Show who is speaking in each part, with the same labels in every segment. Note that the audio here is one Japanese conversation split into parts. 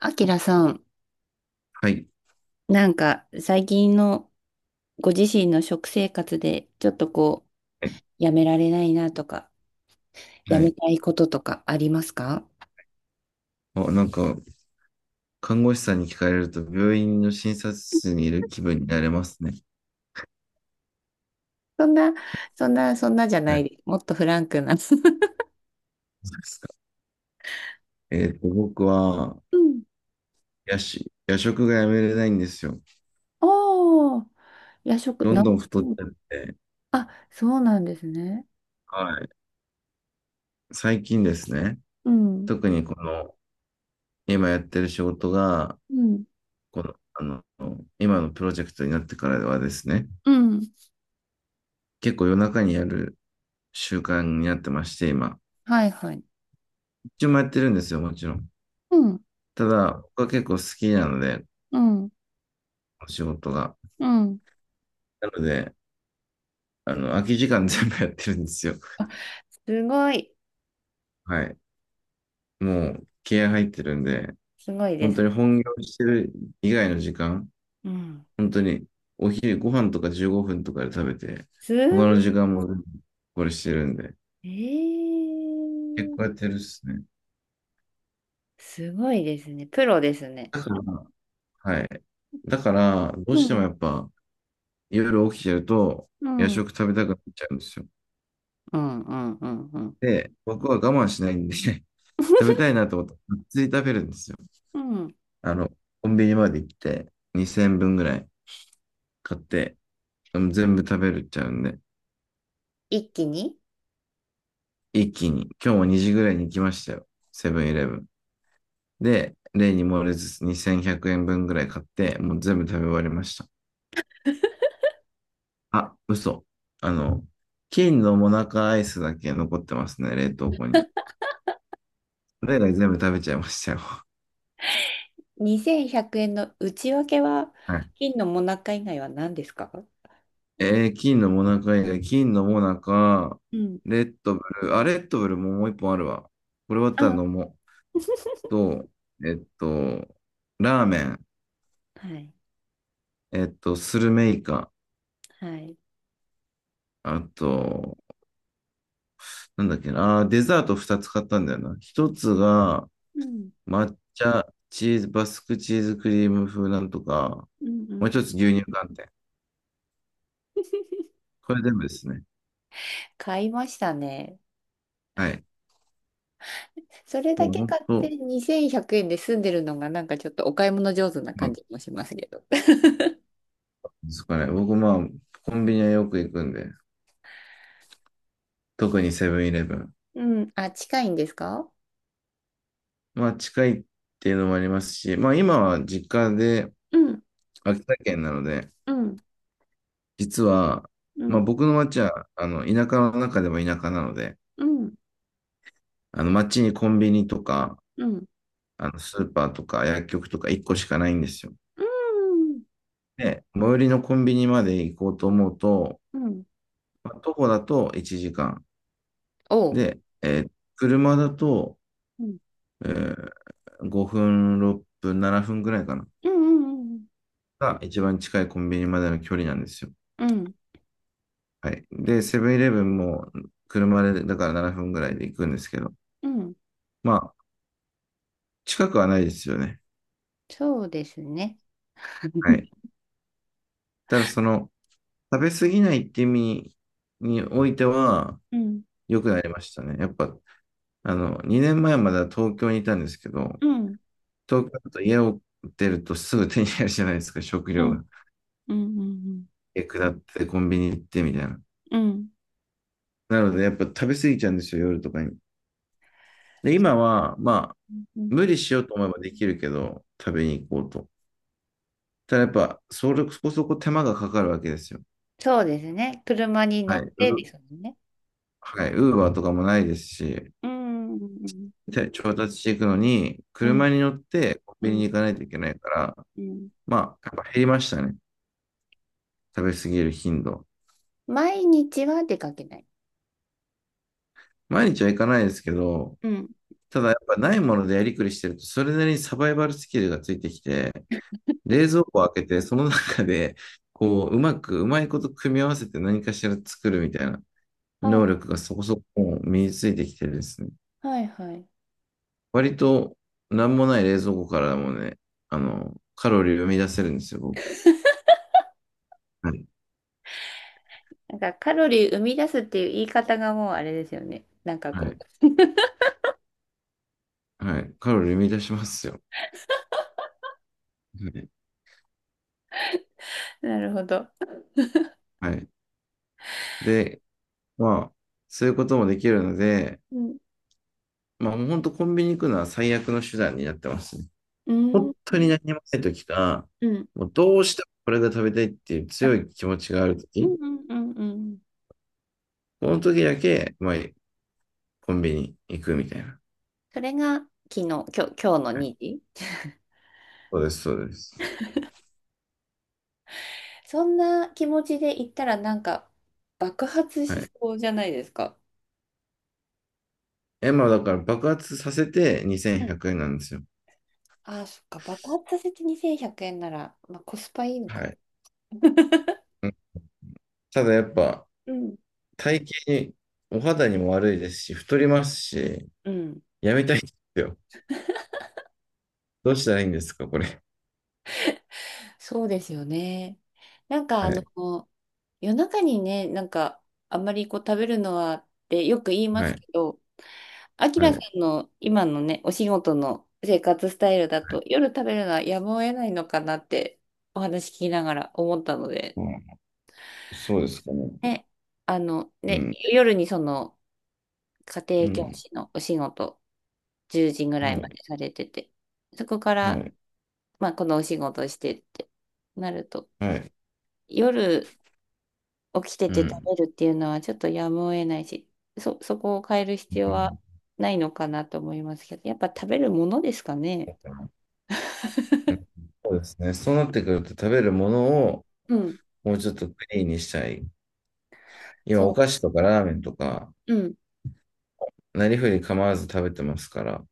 Speaker 1: あきらさん、
Speaker 2: はい。
Speaker 1: 最近のご自身の食生活でちょっとやめられないなとか、や
Speaker 2: は
Speaker 1: め
Speaker 2: い。
Speaker 1: たいこととかありますか？
Speaker 2: あ、なんか、看護師さんに聞かれると、病院の診察室にいる気分になれますね。
Speaker 1: そんな、そんなじゃな
Speaker 2: はい。
Speaker 1: いです。もっとフランクな。
Speaker 2: そうですか。僕は、
Speaker 1: うん。
Speaker 2: 夜食がやめれないんですよ。
Speaker 1: おー、夜食、
Speaker 2: どん
Speaker 1: な、
Speaker 2: どん太っちゃって。
Speaker 1: そうなんですね。
Speaker 2: はい。最近ですね。
Speaker 1: うん。
Speaker 2: 特にこの、今やってる仕事が、
Speaker 1: うん。
Speaker 2: この、今のプロジェクトになってからはですね、
Speaker 1: うん。
Speaker 2: 結構夜中にやる習慣になってまして、今。
Speaker 1: はいはい。
Speaker 2: 一応もやってるんですよ、もちろん。
Speaker 1: うん。
Speaker 2: ただ、僕は結構好きなので、
Speaker 1: うん。
Speaker 2: お仕事が。
Speaker 1: うん。
Speaker 2: なので、空き時間全部やってるんですよ。
Speaker 1: すごい。
Speaker 2: はい。もう、気合入ってるんで、
Speaker 1: すごいで
Speaker 2: 本
Speaker 1: す
Speaker 2: 当に
Speaker 1: ね。
Speaker 2: 本業してる以外の時間、
Speaker 1: うん。
Speaker 2: 本当にお昼ご飯とか15分とかで食べて、
Speaker 1: す
Speaker 2: 他
Speaker 1: ご
Speaker 2: の時間もこれしてるんで、
Speaker 1: い。え
Speaker 2: 結構や
Speaker 1: ー。
Speaker 2: ってるっすね。
Speaker 1: すごいですね。プロですね。
Speaker 2: だから、はい。だから、どう
Speaker 1: う
Speaker 2: しても
Speaker 1: ん、
Speaker 2: やっぱ、夜起きてると、
Speaker 1: う
Speaker 2: 夜
Speaker 1: ん、うん
Speaker 2: 食食べたくなっちゃうんですよ。
Speaker 1: うんうんうん。
Speaker 2: で、僕は我慢しないんで 食べたいな と思って、がっつり食べるんですよ。
Speaker 1: うん。
Speaker 2: あの、コンビニまで行って、2000分ぐらい。買って、全部食べるっちゃうんで、
Speaker 1: 一気に。
Speaker 2: 一気に、今日も2時ぐらいに行きましたよ。セブンイレブン。で、例に漏れず2100円分ぐらい買って、もう全部食べ終わりました。あ、嘘。あの、金のモナカアイスだけ残ってますね、冷凍庫に。それ以外全部食べちゃいましたよ。
Speaker 1: 2100円の内訳は
Speaker 2: はい。
Speaker 1: 金のもなか以外は何ですか？
Speaker 2: 金のモナカ以外、金のモナカ、
Speaker 1: うん、
Speaker 2: レッドブル、あ、レッドブルももう一本あるわ。これ終わった
Speaker 1: あ、
Speaker 2: ら飲もう。と、えっと、ラーメン、
Speaker 1: はい。
Speaker 2: スルメイカ、
Speaker 1: はい。
Speaker 2: あと、なんだっけな、デザート2つ買ったんだよな。1つが
Speaker 1: うん、
Speaker 2: 抹茶チーズ、バスクチーズクリーム風なんとか、
Speaker 1: うん、う
Speaker 2: もう1つ
Speaker 1: ん。
Speaker 2: 牛乳寒天。これ全部ですね。
Speaker 1: 買いましたね。
Speaker 2: はい。
Speaker 1: それだ
Speaker 2: もう
Speaker 1: け
Speaker 2: 本
Speaker 1: 買って
Speaker 2: 当、
Speaker 1: 2100円で済んでるのがちょっとお買い物上手な
Speaker 2: まあ、
Speaker 1: 感じもしますけど。
Speaker 2: ですかね。僕、まあ、コンビニはよく行くんで、特にセブンイレブン。
Speaker 1: うん。あ、近いんですか？
Speaker 2: まあ、近いっていうのもありますし、まあ、今は実家で
Speaker 1: うん、
Speaker 2: 秋田県なので、
Speaker 1: うん、
Speaker 2: 実は、
Speaker 1: う
Speaker 2: まあ、
Speaker 1: ん、
Speaker 2: 僕の町は、田舎の中でも田舎なので、
Speaker 1: うん、
Speaker 2: 町にコンビニとか、
Speaker 1: うん。
Speaker 2: スーパーとか薬局とか1個しかないんですよ。
Speaker 1: うん
Speaker 2: で、最寄りのコンビニまで行こうと思うと、
Speaker 1: うん。
Speaker 2: まあ徒歩だと1時間。
Speaker 1: おう。
Speaker 2: で、車だと、
Speaker 1: うん。
Speaker 2: えー5分、6分、7分ぐらいかな。
Speaker 1: うんうん
Speaker 2: が一番近いコンビニまでの距離なんですよ。
Speaker 1: うんうん。うん。
Speaker 2: はい。で、セブンイレブンも車で、だから7分ぐらいで行くんですけど、
Speaker 1: うん。
Speaker 2: まあ、近くはないですよね。
Speaker 1: そうですね。
Speaker 2: はい。ただ、その、食べ過ぎないって意味においては、
Speaker 1: うん。
Speaker 2: 良くなりましたね。やっぱ、2年前までは東京にいたんですけど、
Speaker 1: うん。
Speaker 2: 東京だと家を出るとすぐ手に入るじゃないですか、食
Speaker 1: う
Speaker 2: 料
Speaker 1: ん。
Speaker 2: が。
Speaker 1: うん。
Speaker 2: え、下ってコンビニ行ってみたいな。
Speaker 1: うん。
Speaker 2: なので、やっぱ食べ過ぎちゃうんですよ、夜とかに。で、今は、まあ、
Speaker 1: うん。
Speaker 2: 無理しようと思えばできるけど、食べに行こうと。ただやっぱ、そこそこ手間がかかるわけですよ。
Speaker 1: そうですね。車に乗
Speaker 2: はい。
Speaker 1: ってですも
Speaker 2: ー
Speaker 1: んね。
Speaker 2: はい。ウーバーとかもないですし、
Speaker 1: うん。うん。
Speaker 2: で調達していくのに、
Speaker 1: う
Speaker 2: 車に乗ってコンビニ
Speaker 1: ん。
Speaker 2: に行かないといけないから、
Speaker 1: うん。
Speaker 2: まあ、やっぱ減りましたね。食べ過ぎる頻度。
Speaker 1: 毎日は出かけない。
Speaker 2: 毎日は行かないですけど、
Speaker 1: うん。
Speaker 2: ただやっぱないものでやりくりしてると、それなりにサバイバルスキルがついてきて、冷蔵庫を開けて、その中で、こう、うまく、うまいこと組み合わせて何かしら作るみたいな能
Speaker 1: あ、
Speaker 2: 力がそこそこ身についてきてるんですね。
Speaker 1: はいはい。
Speaker 2: 割と、なんもない冷蔵庫からもね、カロリーを生み出せるんですよ、僕。はい。
Speaker 1: カロリー生み出すっていう言い方がもうあれですよね。
Speaker 2: はい。はい。カロリー生み出しますよ。はい。
Speaker 1: なるほど。
Speaker 2: はい。で、まあ、そういうこともできるので、
Speaker 1: うん。
Speaker 2: まあ、もう本当コンビニ行くのは最悪の手段になってますね。
Speaker 1: うん。
Speaker 2: 本当に何もない時か、
Speaker 1: うん。
Speaker 2: もうどうしてもこれが食べたいっていう強
Speaker 1: あ、
Speaker 2: い気持ちがある
Speaker 1: うん
Speaker 2: 時、
Speaker 1: うんうんうん。
Speaker 2: この時だけ、まあ、コンビニ行くみたいな。
Speaker 1: それが昨日、今日、今日の
Speaker 2: はい、
Speaker 1: 2時。
Speaker 2: そうです、そうです。
Speaker 1: そんな気持ちで行ったらなんか爆発
Speaker 2: は
Speaker 1: し
Speaker 2: い。
Speaker 1: そうじゃないですか？
Speaker 2: え、まあ、だから爆発させて
Speaker 1: う
Speaker 2: 2100
Speaker 1: ん。
Speaker 2: 円なんですよ。
Speaker 1: ああ、そっか、爆発させて2100円なら、まあ、コスパいいの
Speaker 2: は
Speaker 1: か。
Speaker 2: い。うん。ただやっぱ、
Speaker 1: うん。
Speaker 2: 体型に、お肌にも悪いですし、太りますし、
Speaker 1: うん、
Speaker 2: やめたいんですよ。どうしたらいいんですか、これ。
Speaker 1: そうですよね。なんかあ
Speaker 2: はい。
Speaker 1: の、夜中にね、あんまりこう食べるのはってよく言いま
Speaker 2: は
Speaker 1: す
Speaker 2: い。
Speaker 1: けど、あき
Speaker 2: は
Speaker 1: らさ
Speaker 2: い。
Speaker 1: んの今のね、お仕事の生活スタイルだ
Speaker 2: は
Speaker 1: と、
Speaker 2: い。
Speaker 1: 夜食べるのはやむを得ないのかなってお話聞きながら思ったので、
Speaker 2: うん、そうですかね。
Speaker 1: ね、あの、
Speaker 2: う
Speaker 1: ね、
Speaker 2: ん。
Speaker 1: 夜にその家
Speaker 2: う
Speaker 1: 庭教
Speaker 2: ん。
Speaker 1: 師のお仕事、10時ぐら
Speaker 2: は
Speaker 1: いま
Speaker 2: い。
Speaker 1: でされてて、そこか
Speaker 2: は
Speaker 1: ら、
Speaker 2: い。
Speaker 1: まあ、このお仕事してってなると、
Speaker 2: はい。
Speaker 1: 夜起きて
Speaker 2: う
Speaker 1: て
Speaker 2: ん。
Speaker 1: 食べるっていうのはちょっとやむを得ないし、そこを変える必要
Speaker 2: うんう
Speaker 1: は
Speaker 2: ん。
Speaker 1: ないのかなと思いますけど、やっぱ食べるものですかね。
Speaker 2: そうですね。そうなってくると食べるものを
Speaker 1: うん、
Speaker 2: もうちょっとクリーンにしたい。今、お
Speaker 1: そ
Speaker 2: 菓子とかラーメンとか、
Speaker 1: う、うん、
Speaker 2: なりふり構わず食べてますから。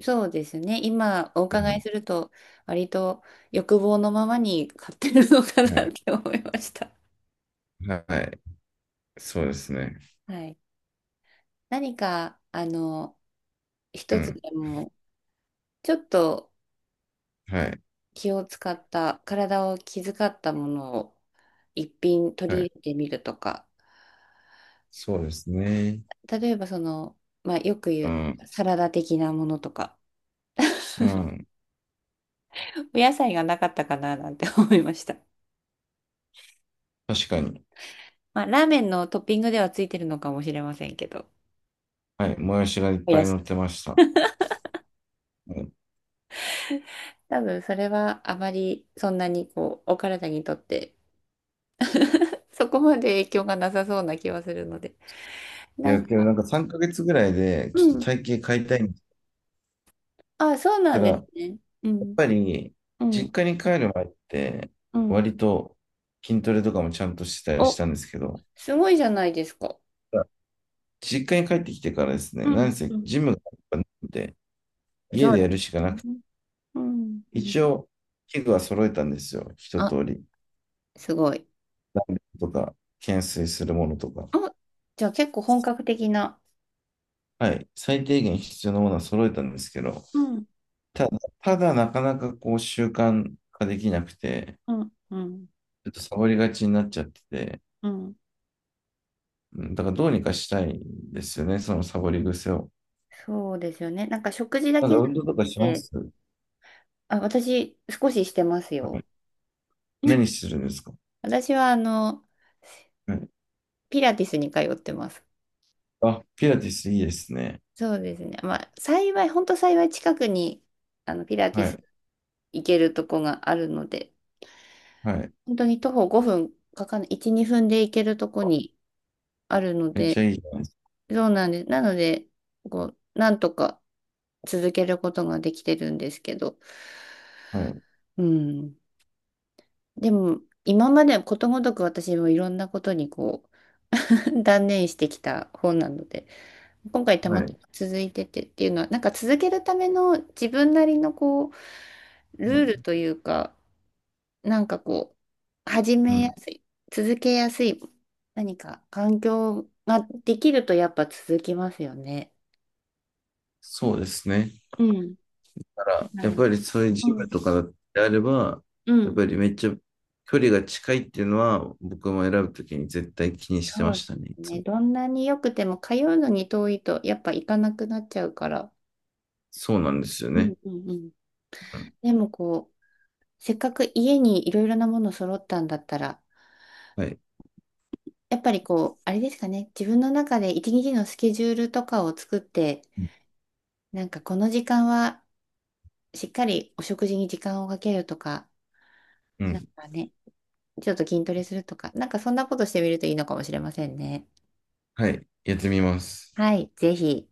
Speaker 1: そうですね。今お
Speaker 2: う
Speaker 1: 伺い
Speaker 2: ん。
Speaker 1: すると、割と欲望のままに買ってるのか
Speaker 2: は
Speaker 1: なっ
Speaker 2: い。
Speaker 1: て思いました。
Speaker 2: はい。そうですね。
Speaker 1: はい。何か、あの、
Speaker 2: う
Speaker 1: 一つ
Speaker 2: ん。
Speaker 1: でも、ちょっと
Speaker 2: はい。
Speaker 1: 気を使った、体を気遣ったものを一品取
Speaker 2: は
Speaker 1: り
Speaker 2: い。
Speaker 1: 入れてみるとか、
Speaker 2: そうですね。
Speaker 1: 例えばその、まあ、よく言
Speaker 2: う
Speaker 1: う
Speaker 2: ん。
Speaker 1: サラダ的なものとか、
Speaker 2: うん。
Speaker 1: お野菜がなかったかななんて思いました。
Speaker 2: 確かに。
Speaker 1: まあ、ラーメンのトッピングではついてるのかもしれませんけど、
Speaker 2: はい。もやしがいっ
Speaker 1: お
Speaker 2: ぱ
Speaker 1: や
Speaker 2: い
Speaker 1: し。
Speaker 2: 乗ってました。うん。
Speaker 1: 多分それはあまりそんなにこう、お体にとって、そこまで影響がなさそうな気はするので、
Speaker 2: い
Speaker 1: なん
Speaker 2: や、けどな
Speaker 1: か、
Speaker 2: んか3ヶ月ぐらいで、
Speaker 1: う
Speaker 2: ちょっと
Speaker 1: ん。
Speaker 2: 体型変えたいんだっ
Speaker 1: あ、そうな
Speaker 2: た
Speaker 1: ん
Speaker 2: ら、
Speaker 1: で
Speaker 2: やっ
Speaker 1: すね。うん。
Speaker 2: ぱり、
Speaker 1: うん、
Speaker 2: 実家に帰る前って、
Speaker 1: うん、
Speaker 2: 割と筋トレとかもちゃんとしてたりし
Speaker 1: お、
Speaker 2: たんですけど、
Speaker 1: すごいじゃないですか。
Speaker 2: 実家に帰ってきてからですね、
Speaker 1: う
Speaker 2: なん
Speaker 1: ん、
Speaker 2: せ
Speaker 1: うん。
Speaker 2: ジムがなくて、
Speaker 1: そ
Speaker 2: 家
Speaker 1: う
Speaker 2: でや
Speaker 1: で
Speaker 2: るしか
Speaker 1: す
Speaker 2: なくて、
Speaker 1: ね。うん、うん、
Speaker 2: 一応、器具は揃えたんですよ、一
Speaker 1: あ、
Speaker 2: 通り。
Speaker 1: すごい。
Speaker 2: ダンベルとか、懸垂するものとか。
Speaker 1: あ、じゃあ結構本格的な。
Speaker 2: はい、最低限必要なものは揃えたんですけど、
Speaker 1: うん、
Speaker 2: ただなかなかこう習慣化できなくて、
Speaker 1: うん、うん、
Speaker 2: ちょっとサボりがちになっちゃってて、
Speaker 1: うん。
Speaker 2: うん。だからどうにかしたいんですよね、そのサボり癖を。
Speaker 1: そうですよね。食事だ
Speaker 2: なん
Speaker 1: け
Speaker 2: か
Speaker 1: じゃ
Speaker 2: 運
Speaker 1: なく
Speaker 2: 動とかしま
Speaker 1: て、
Speaker 2: す。
Speaker 1: あ、私少ししてます
Speaker 2: は
Speaker 1: よ。
Speaker 2: い。何 するんですか？
Speaker 1: 私はあの、
Speaker 2: はい。
Speaker 1: ピラティスに通ってます。
Speaker 2: あ、ピラティスいいですね。
Speaker 1: そうですね。まあ、幸い、本当幸い近くに、あの、ピラティ
Speaker 2: は
Speaker 1: ス
Speaker 2: い。
Speaker 1: 行けるとこがあるので、
Speaker 2: はい。
Speaker 1: 本当に徒歩5分かかんない、1、2分で行けるとこにあるの
Speaker 2: めっちゃ
Speaker 1: で、
Speaker 2: いいじゃないです
Speaker 1: そうなんです。なので、こう、なんとか続けることができてるんですけど、
Speaker 2: か？はい。
Speaker 1: うん。でも、今までことごとく私もいろんなことにこう、断念してきた方なので、今回た
Speaker 2: は
Speaker 1: また
Speaker 2: い。
Speaker 1: ま続いててっていうのは、続けるための自分なりのこう、ル
Speaker 2: は
Speaker 1: ール
Speaker 2: い。
Speaker 1: というか、なんかこ始
Speaker 2: う
Speaker 1: めや
Speaker 2: ん。
Speaker 1: すい、続けやすい、何か環境ができるとやっぱ続きますよね。
Speaker 2: そうですね。
Speaker 1: うん。
Speaker 2: だか
Speaker 1: だ
Speaker 2: ら、
Speaker 1: か
Speaker 2: やっ
Speaker 1: ら。
Speaker 2: ぱりそういう
Speaker 1: う
Speaker 2: ジム
Speaker 1: ん。
Speaker 2: とかであれば、
Speaker 1: う
Speaker 2: やっ
Speaker 1: ん。
Speaker 2: ぱりめっちゃ距離が近いっていうのは、僕も選ぶときに絶対気にして
Speaker 1: そ
Speaker 2: ま
Speaker 1: う
Speaker 2: した
Speaker 1: で
Speaker 2: ね、い
Speaker 1: す
Speaker 2: つ
Speaker 1: ね。
Speaker 2: も。
Speaker 1: どんなに良くても通うのに遠いとやっぱ行かなくなっちゃうから。
Speaker 2: そうなんですよ
Speaker 1: うん
Speaker 2: ね。
Speaker 1: うんうん。
Speaker 2: うん。
Speaker 1: でもこう、せっかく家にいろいろなもの揃ったんだったら、
Speaker 2: はい。
Speaker 1: やっぱりこう、あれですかね、自分の中で一日のスケジュールとかを作って、
Speaker 2: うん。
Speaker 1: なんかこの時間はしっかりお食事に時間をかけるとか、
Speaker 2: う
Speaker 1: なん
Speaker 2: ん。
Speaker 1: かね、ちょっと筋トレするとか、なんかそんなことしてみるといいのかもしれませんね。
Speaker 2: はい。やってみます。
Speaker 1: はい、ぜひ。